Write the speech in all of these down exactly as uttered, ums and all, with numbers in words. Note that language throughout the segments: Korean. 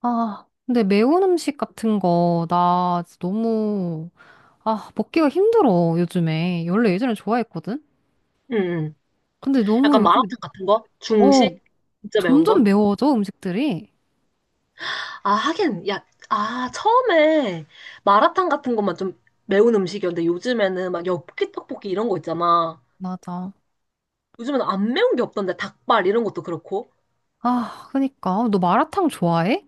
아, 근데 매운 음식 같은 거, 나 진짜 너무, 아, 먹기가 힘들어, 요즘에. 원래 예전에 좋아했거든? 응, 응. 근데 너무 약간 요즘에, 마라탕 같은 거? 어, 중식? 진짜 매운 점점 거? 매워져, 음식들이. 아, 하긴, 야, 아, 처음에 마라탕 같은 것만 좀 매운 음식이었는데 요즘에는 막 엽기 떡볶이 이런 거 있잖아. 맞아. 요즘에는 안 매운 게 없던데 닭발 이런 것도 그렇고. 아, 그니까. 어, 너 마라탕 좋아해?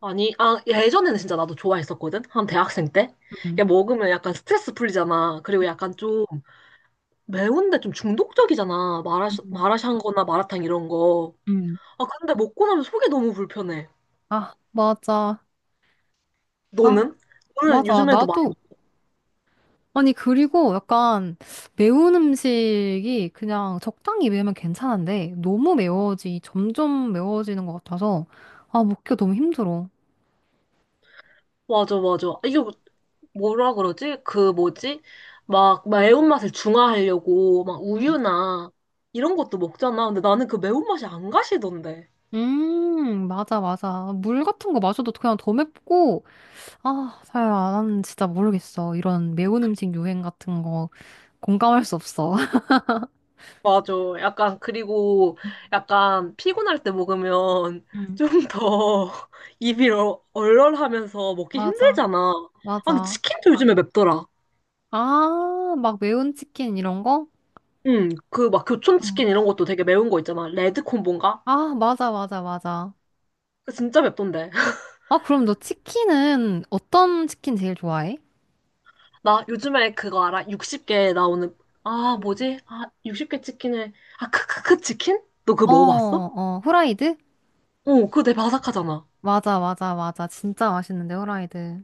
아니, 아, 예전에는 진짜 나도 좋아했었거든? 한 대학생 때? 음, 야, 먹으면 약간 스트레스 풀리잖아. 그리고 약간 좀 매운데 좀 중독적이잖아. 마라샹, 음, 마라샹 거나 마라탕 이런 거. 응. 아, 근데 먹고 나면 속이 너무 불편해. 아, 맞아. 아, 너는? 너는 맞아. 요즘에도 많이 나도, 아니, 그리고 약간 매운 음식이 그냥 적당히 매우면 괜찮은데, 너무 매워지, 점점 매워지는 것 같아서, 아, 먹기가 너무 힘들어. 맞아, 맞아. 이거 뭐라 그러지? 그 뭐지? 막 매운맛을 중화하려고 막 우유나 이런 것도 먹잖아. 근데 나는 그 매운맛이 안 가시던데. 음, 맞아, 맞아. 물 같은 거 마셔도 그냥 더 맵고, 아, 사야, 나는 진짜 모르겠어. 이런 매운 음식 유행 같은 거 공감할 수 없어. 맞아. 약간 그리고 약간 피곤할 때 먹으면 응, 좀 더 입이 얼- 얼얼하면서 먹기 맞아. 힘들잖아. 아, 근데 맞아. 치킨도 요즘에 맵더라. 아, 막 매운 치킨 이런 거? 응, 그 막 응. 교촌치킨 이런 것도 되게 매운 거 있잖아. 레드콤보인가? 아, 맞아, 맞아, 맞아. 그거 진짜 맵던데. 아, 그럼 너 치킨은 어떤 치킨 제일 좋아해? 나 요즘에 그거 알아? 육십 개 나오는, 아, 뭐지? 아, 육십 개 치킨을, 아, 크크크 치킨? 너 그거 어, 먹어봤어? 어, 후라이드? 어, 그거 되게 바삭하잖아. 맞아, 맞아, 맞아. 진짜 맛있는데, 후라이드.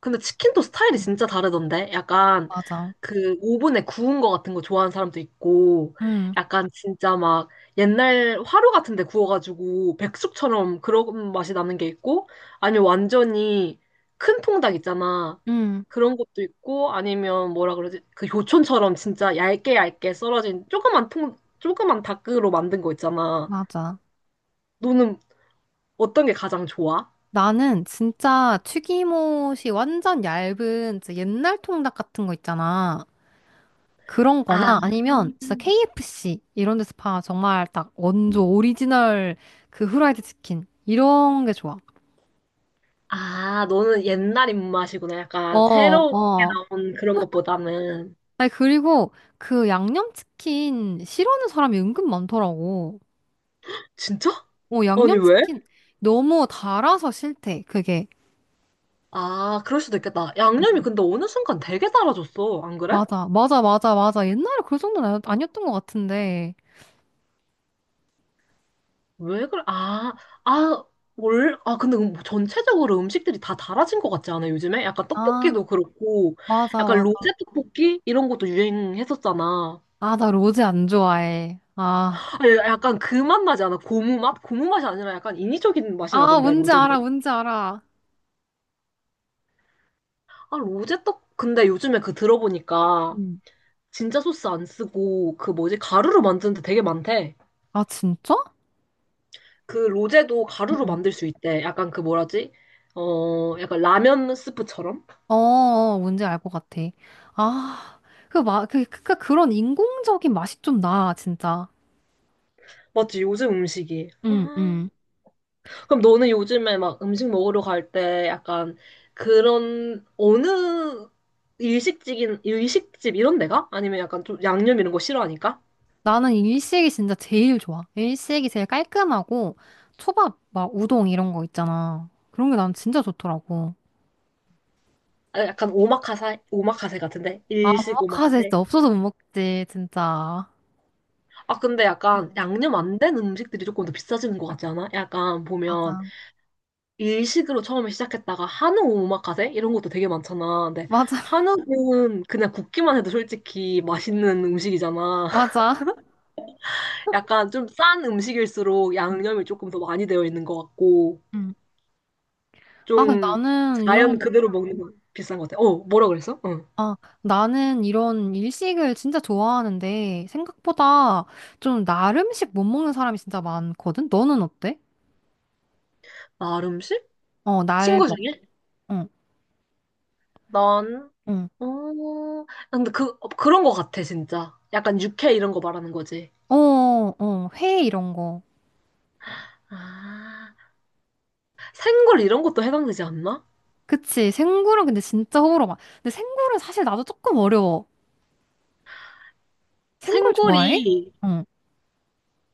근데 치킨도 스타일이 응. 진짜 다르던데? 약간 맞아. 그 오븐에 구운 거 같은 거 좋아하는 사람도 있고, 응, 약간 진짜 막 옛날 화로 같은 데 구워가지고 백숙처럼 그런 맛이 나는 게 있고, 아니면 완전히 큰 통닭 있잖아. 응, 그런 것도 있고, 아니면 뭐라 그러지? 그 요촌처럼 진짜 얇게 얇게 썰어진 조그만 통, 조그만 닭으로 만든 거 있잖아. 맞아. 너는 어떤 게 가장 좋아? 나는 진짜 튀김옷이 완전 얇은 진짜 옛날 통닭 같은 거 있잖아. 그런 아, 거나 아니면 진짜 케이에프씨 이런 데서 파 정말 딱 원조 오리지널 그 후라이드 치킨 이런 게 좋아. 아, 너는 옛날 입맛이구나. 어, 약간 새롭게 어. 나온 그런 것보다는. 아니 그리고 그 양념치킨 싫어하는 사람이 은근 많더라고. 진짜? 어, 아니, 왜? 양념치킨 너무 달아서 싫대. 그게. 아, 그럴 수도 있겠다. 양념이 근데 어느 순간 되게 달아졌어. 안 그래? 맞아. 맞아. 맞아. 맞아. 옛날에 그 정도는 아니- 아니었던 것 같은데. 왜 그래? 아, 아, 올, 아, 근데 음- 전체적으로 음식들이 다 달아진 것 같지 않아, 요즘에? 약간 아, 떡볶이도 그렇고, 약간 맞아. 로제 떡볶이? 이런 것도 유행했었잖아. 아, 나 로제 안 좋아해. 아, 아니, 약간 그 맛 나지 않아? 고무 맛? 고무 맛이 아니라 약간 인위적인 맛이 아, 나던데, 뭔지 로제는. 알아, 뭔지 알아. 아, 로제 떡, 근데 요즘에 그 들어보니까 응. 진짜 소스 안 쓰고 그 뭐지? 가루로 만드는 데 되게 많대. 아, 진짜? 그 로제도 가루로 응. 만들 수 있대. 약간 그 뭐라지? 어, 약간 라면 스프처럼? 어, 어, 뭔지 알 것 같아. 아, 그, 마, 그, 그, 그, 그런 인공적인 맛이 좀 나, 진짜. 맞지? 요즘 음식이. 응, 아, 응. 그럼 너는 요즘에 막 음식 먹으러 갈 때 약간 그런 어느 일식집인 일식집 이런 데가? 아니면 약간 좀 양념 이런 거 싫어하니까? 나는 일식이 진짜 제일 좋아. 일식이 제일 깔끔하고, 초밥, 막, 우동 이런 거 있잖아. 그런 게 난 진짜 좋더라고. 아, 약간 오마카세 오마카세 같은데? 아, 일식 오마카세 오마카세? 진짜 없어서 못 먹지, 진짜. 아, 근데 약간 양념 안 된 음식들이 조금 더 비싸지는 것 같지 않아? 약간 보면 맞아. 일식으로 처음에 시작했다가 한우 오마카세 이런 것도 되게 많잖아. 근데 맞아, 한우는 그냥 굽기만 해도 솔직히 맛있는 음식이잖아. 맞아. 약간 좀 싼 음식일수록 응, 양념이 조금 더 많이 되어 있는 것 같고 응. 아, 근데 좀 나는 자연 이런, 그대로 먹는 건 비싼 것 같아. 어, 뭐라 그랬어? 응. 아, 나는 이런 일식을 진짜 좋아하는데 생각보다 좀 날 음식 못 먹는 사람이 진짜 많거든? 너는 어때? 날 음식? 어, 날 친구 먹, 중에? 응, 난 응. 어, 근데 그 그런 것 같아 진짜. 약간 육회 이런 거 말하는 거지. 어, 어, 회 이런 거. 아, 생굴 이런 것도 해당되지 않나? 그치. 생굴은 근데 진짜 호불호 많. 근데 생굴은 사실 나도 조금 어려워. 생굴 좋아해? 생굴이 응,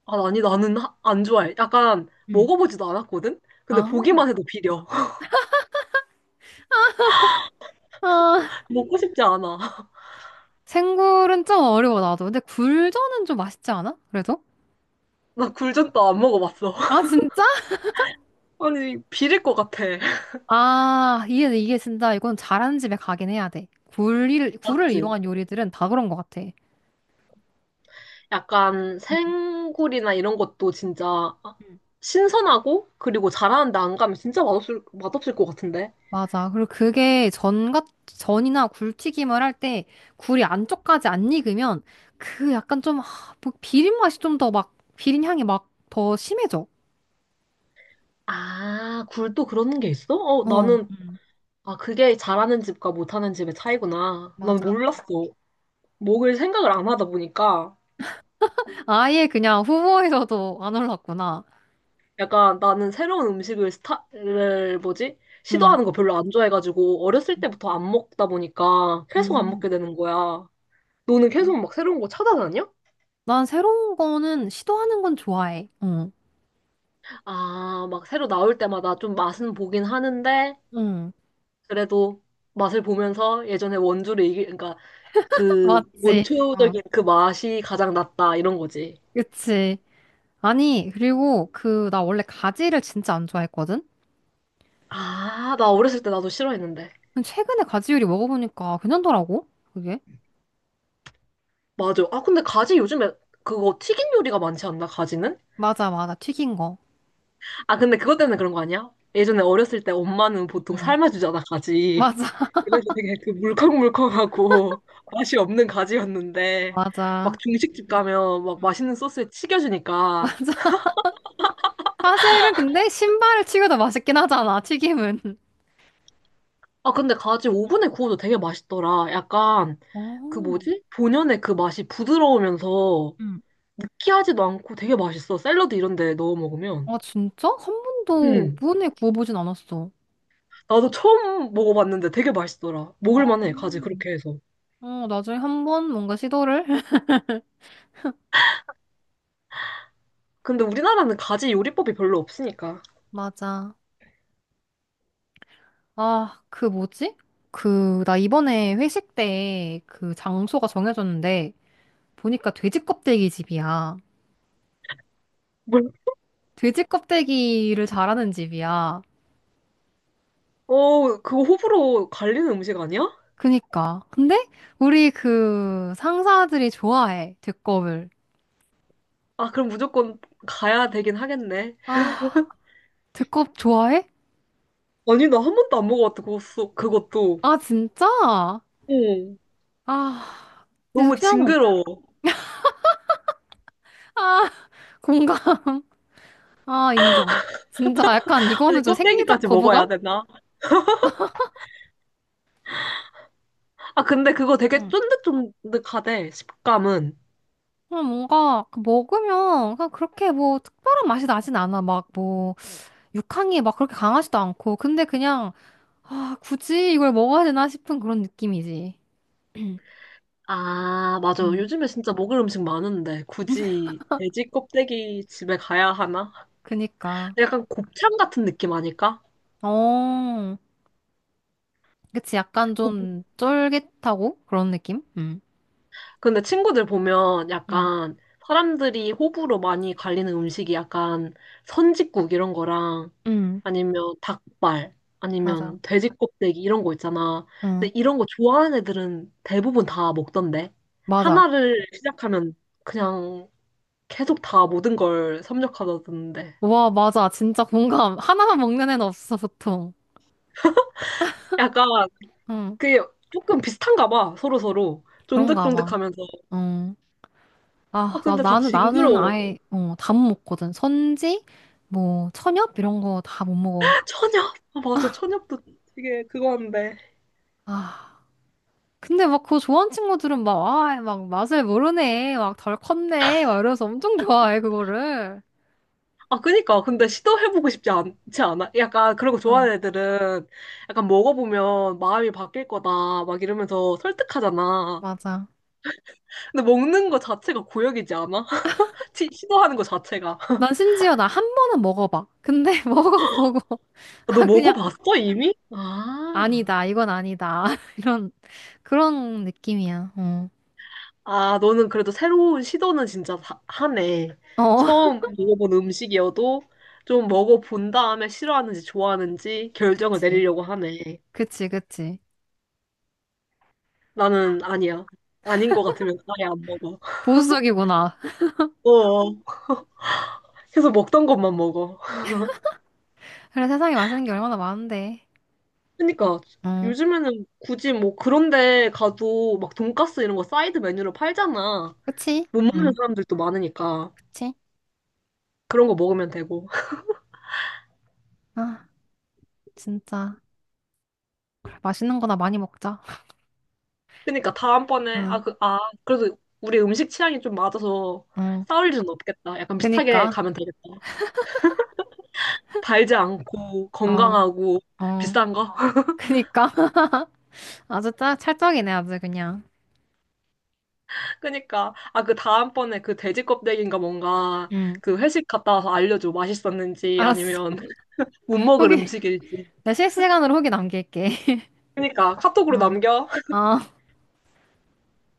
아, 아니, 나는 하- 안 좋아해. 약간 응. 먹어보지도 않았거든? 근데 아, 보기만 해도 비려. 아, 먹고 싶지 않아. 생굴은 좀 어려워, 나도. 근데 굴전은 좀 맛있지 않아? 그래도? 나 굴전도 안 먹어봤어. 아, 진짜? 아니, 비릴 것 같아. 아, 이게, 이게 진짜 이건 잘하는 집에 가긴 해야 돼. 굴을, 굴을 맞지? 이용한 요리들은 다 그런 것 같아. 약간 음, 생굴이나 이런 것도 진짜 음. 신선하고 그리고 잘하는데 안 가면 진짜 맛없을, 맛없을 것 같은데? 맞아. 그리고 그게 전 같, 전이나 굴튀김을 할 때 굴이 안쪽까지 안 익으면 그 약간 좀, 하, 뭐 비린 맛이 좀 더 막, 비린 향이 막 더 심해져. 아, 굴도 그런 게 있어? 어, 어, 나는, 음. 아, 그게 잘하는 집과 못하는 집의 차이구나. 난 맞아, 맞아. 몰랐어. 먹을 생각을 안 하다 보니까. 아예 그냥 후보에서도 안 올랐구나. 약간 나는 새로운 음식을 스타를 뭐지? 응. 시도하는 거 별로 안 좋아해가지고 어렸을 때부터 안 먹다 보니까 계속 안 음. 먹게 되는 거야. 너는 계속 막 새로운 거 찾아다녀? 난 새로운 거는 시도하는 건 좋아해. 응. 아, 막 새로 나올 때마다 좀 맛은 보긴 하는데 응. 그래도 맛을 보면서 예전에 원조를 이기, 그러니까 그 맞지? 어. 원초적인 그 맛이 가장 낫다 이런 거지. 그치. 아니, 그리고 그, 나 원래 가지를 진짜 안 좋아했거든? 아, 나 어렸을 때 나도 싫어했는데. 근데 최근에 가지 요리 먹어보니까 괜찮더라고, 그게. 맞아. 아, 근데 가지 요즘에 그거 튀긴 요리가 많지 않나, 가지는? 맞아, 맞아. 튀긴 거. 아, 근데 그것 때문에 그런 거 아니야? 예전에 어렸을 때 엄마는 보통 응. 삶아주잖아, 가지. 맞아, 그래서 되게 그 물컹물컹하고 맛이 없는 가지였는데, 맞아. 막 중식집 가면 막 응. 맛있는 소스에 튀겨주니까. 맞아. 사실은 근데 신발을 튀겨도 맛있긴 하잖아, 튀김은. 아, 근데 가지 응. 오븐에 구워도 되게 맛있더라. 약간 그 어, 뭐지? 본연의 그 맛이 부드러우면서 응. 느끼하지도 않고 되게 맛있어. 샐러드 이런 데 넣어 먹으면. 아, 진짜? 한 번도 음. 오븐에 구워보진 않았어. 나도 처음 먹어봤는데 되게 맛있더라. 아. 먹을 만해, 가지 그렇게 해서. 어, 나중에 한 번 뭔가 시도를. 근데 우리나라는 가지 요리법이 별로 없으니까. 맞아. 아, 그 뭐지? 그, 나 이번에 회식 때 그 장소가 정해졌는데 보니까 돼지 껍데기 집이야. 뭘? 돼지 껍데기를 잘하는 집이야. 어, 그거 호불호 갈리는 음식 아니야? 그니까. 근데 우리 그 상사들이 좋아해, 두껍을. 아, 그럼 무조건 가야 되긴 하겠네. 아, 두껍 좋아해? 아니, 나 한 번도 안 먹어봤다, 그것도. 그것도. 아, 진짜? 응. 아, 근데 너무 그냥, 징그러워. 아, 공감. 아, 인정. 진짜 약간 아니, 이거는 좀 생리적 껍데기까지 먹어야 거부감? 되나? 아, 근데 그거 되게 쫀득쫀득하대, 식감은. 그냥 뭔가 그 먹으면 그냥 그렇게 뭐 특별한 맛이 나진 않아. 막 뭐 육향이 막 그렇게 강하지도 않고. 근데 그냥 아, 굳이 이걸 먹어야 되나 싶은 그런 느낌이지. 아, 맞아. 음. 요즘에 진짜 먹을 음식 많은데, 굳이 돼지 껍데기 집에 가야 하나? 그니까. 약간 곱창 같은 느낌 아닐까? 어. 그치. 약간 좀 쫄깃하고 그런 느낌? 응 근데 친구들 보면 응 약간 사람들이 호불호 많이 갈리는 음식이 약간 선짓국 이런 거랑 응. 아니면 닭발 맞아. 아니면 돼지 껍데기 이런 거 있잖아. 응. 근데 이런 거 좋아하는 애들은 대부분 다 먹던데. 맞아. 하나를 시작하면 그냥 계속 다 모든 걸 섭렵하던데. 와, 맞아. 진짜 공감. 하나만 먹는 애는 없어, 보통. 약간 응. 그게 조금 비슷한가 봐. 서로서로. 그런가 봐. 쫀득쫀득하면서. 응. 아 아, 나, 근데 다 나는, 나는 징그러워. 아예, 어, 다 못 먹거든. 선지, 뭐, 천엽, 이런 거 다 못 먹어. 천엽. 아 맞아. 천엽도 되게 그거 한데. 아, 근데 막 그거 좋아하는 친구들은 막, 아, 막 맛을 모르네. 막 덜 컸네. 막 이러면서 엄청 좋아해, 그거를. 아, 그니까. 근데 시도해보고 싶지 않지 않아? 약간 그런 거 어, 좋아하는 애들은 약간 먹어보면 마음이 바뀔 거다. 막 이러면서 설득하잖아. 맞아. 근데 먹는 거 자체가 고역이지 않아? 시- 시도하는 거 자체가. 난 심지어 나 한 번은 먹어봐. 근데 먹어보고, 너 아, 그냥, 먹어봤어, 이미? 아. 아니다. 이건 아니다. 이런, 그런 느낌이야. 어. 아, 너는 그래도 새로운 시도는 진짜 다- 하네. 어, 처음 먹어본 음식이어도 좀 먹어본 다음에 싫어하는지 좋아하는지 결정을 그치. 내리려고 하네. 그치, 그치. 나는 아니야. 아닌 것 같으면 아예 안 먹어. 보수적이구나. 어. 계속 먹던 것만 먹어. 그래, 세상에 맛있는 게 얼마나 많은데. 그러니까 어. 요즘에는 굳이 뭐 그런 데 가도 막 돈가스 이런 거 사이드 메뉴로 팔잖아. 그치? 못 먹는 응, 사람들도 많으니까 그치? 그런 거 먹으면 되고. 아, 진짜. 맛있는 거나 많이 먹자. 그러니까 다음번에 응, 아, 그, 아, 그래도 우리 음식 취향이 좀 맞아서 응. 싸울 일은 없겠다. 약간 비슷하게 그니까, 가면 되겠다. 달지 않고 어, 건강하고 어. 비싼 거. 그니까. 아주 짜, 찰떡이네, 아주 그냥. 그러니까 아, 그 다음번에 그 돼지 껍데기인가 뭔가 응, 그 회식 갔다 와서 알려줘. 맛있었는지 알았어. 아니면 못 먹을 후기. 음식일지. 내 실시간으로 후기 남길게. 그러니까 카톡으로 어. 남겨. 어.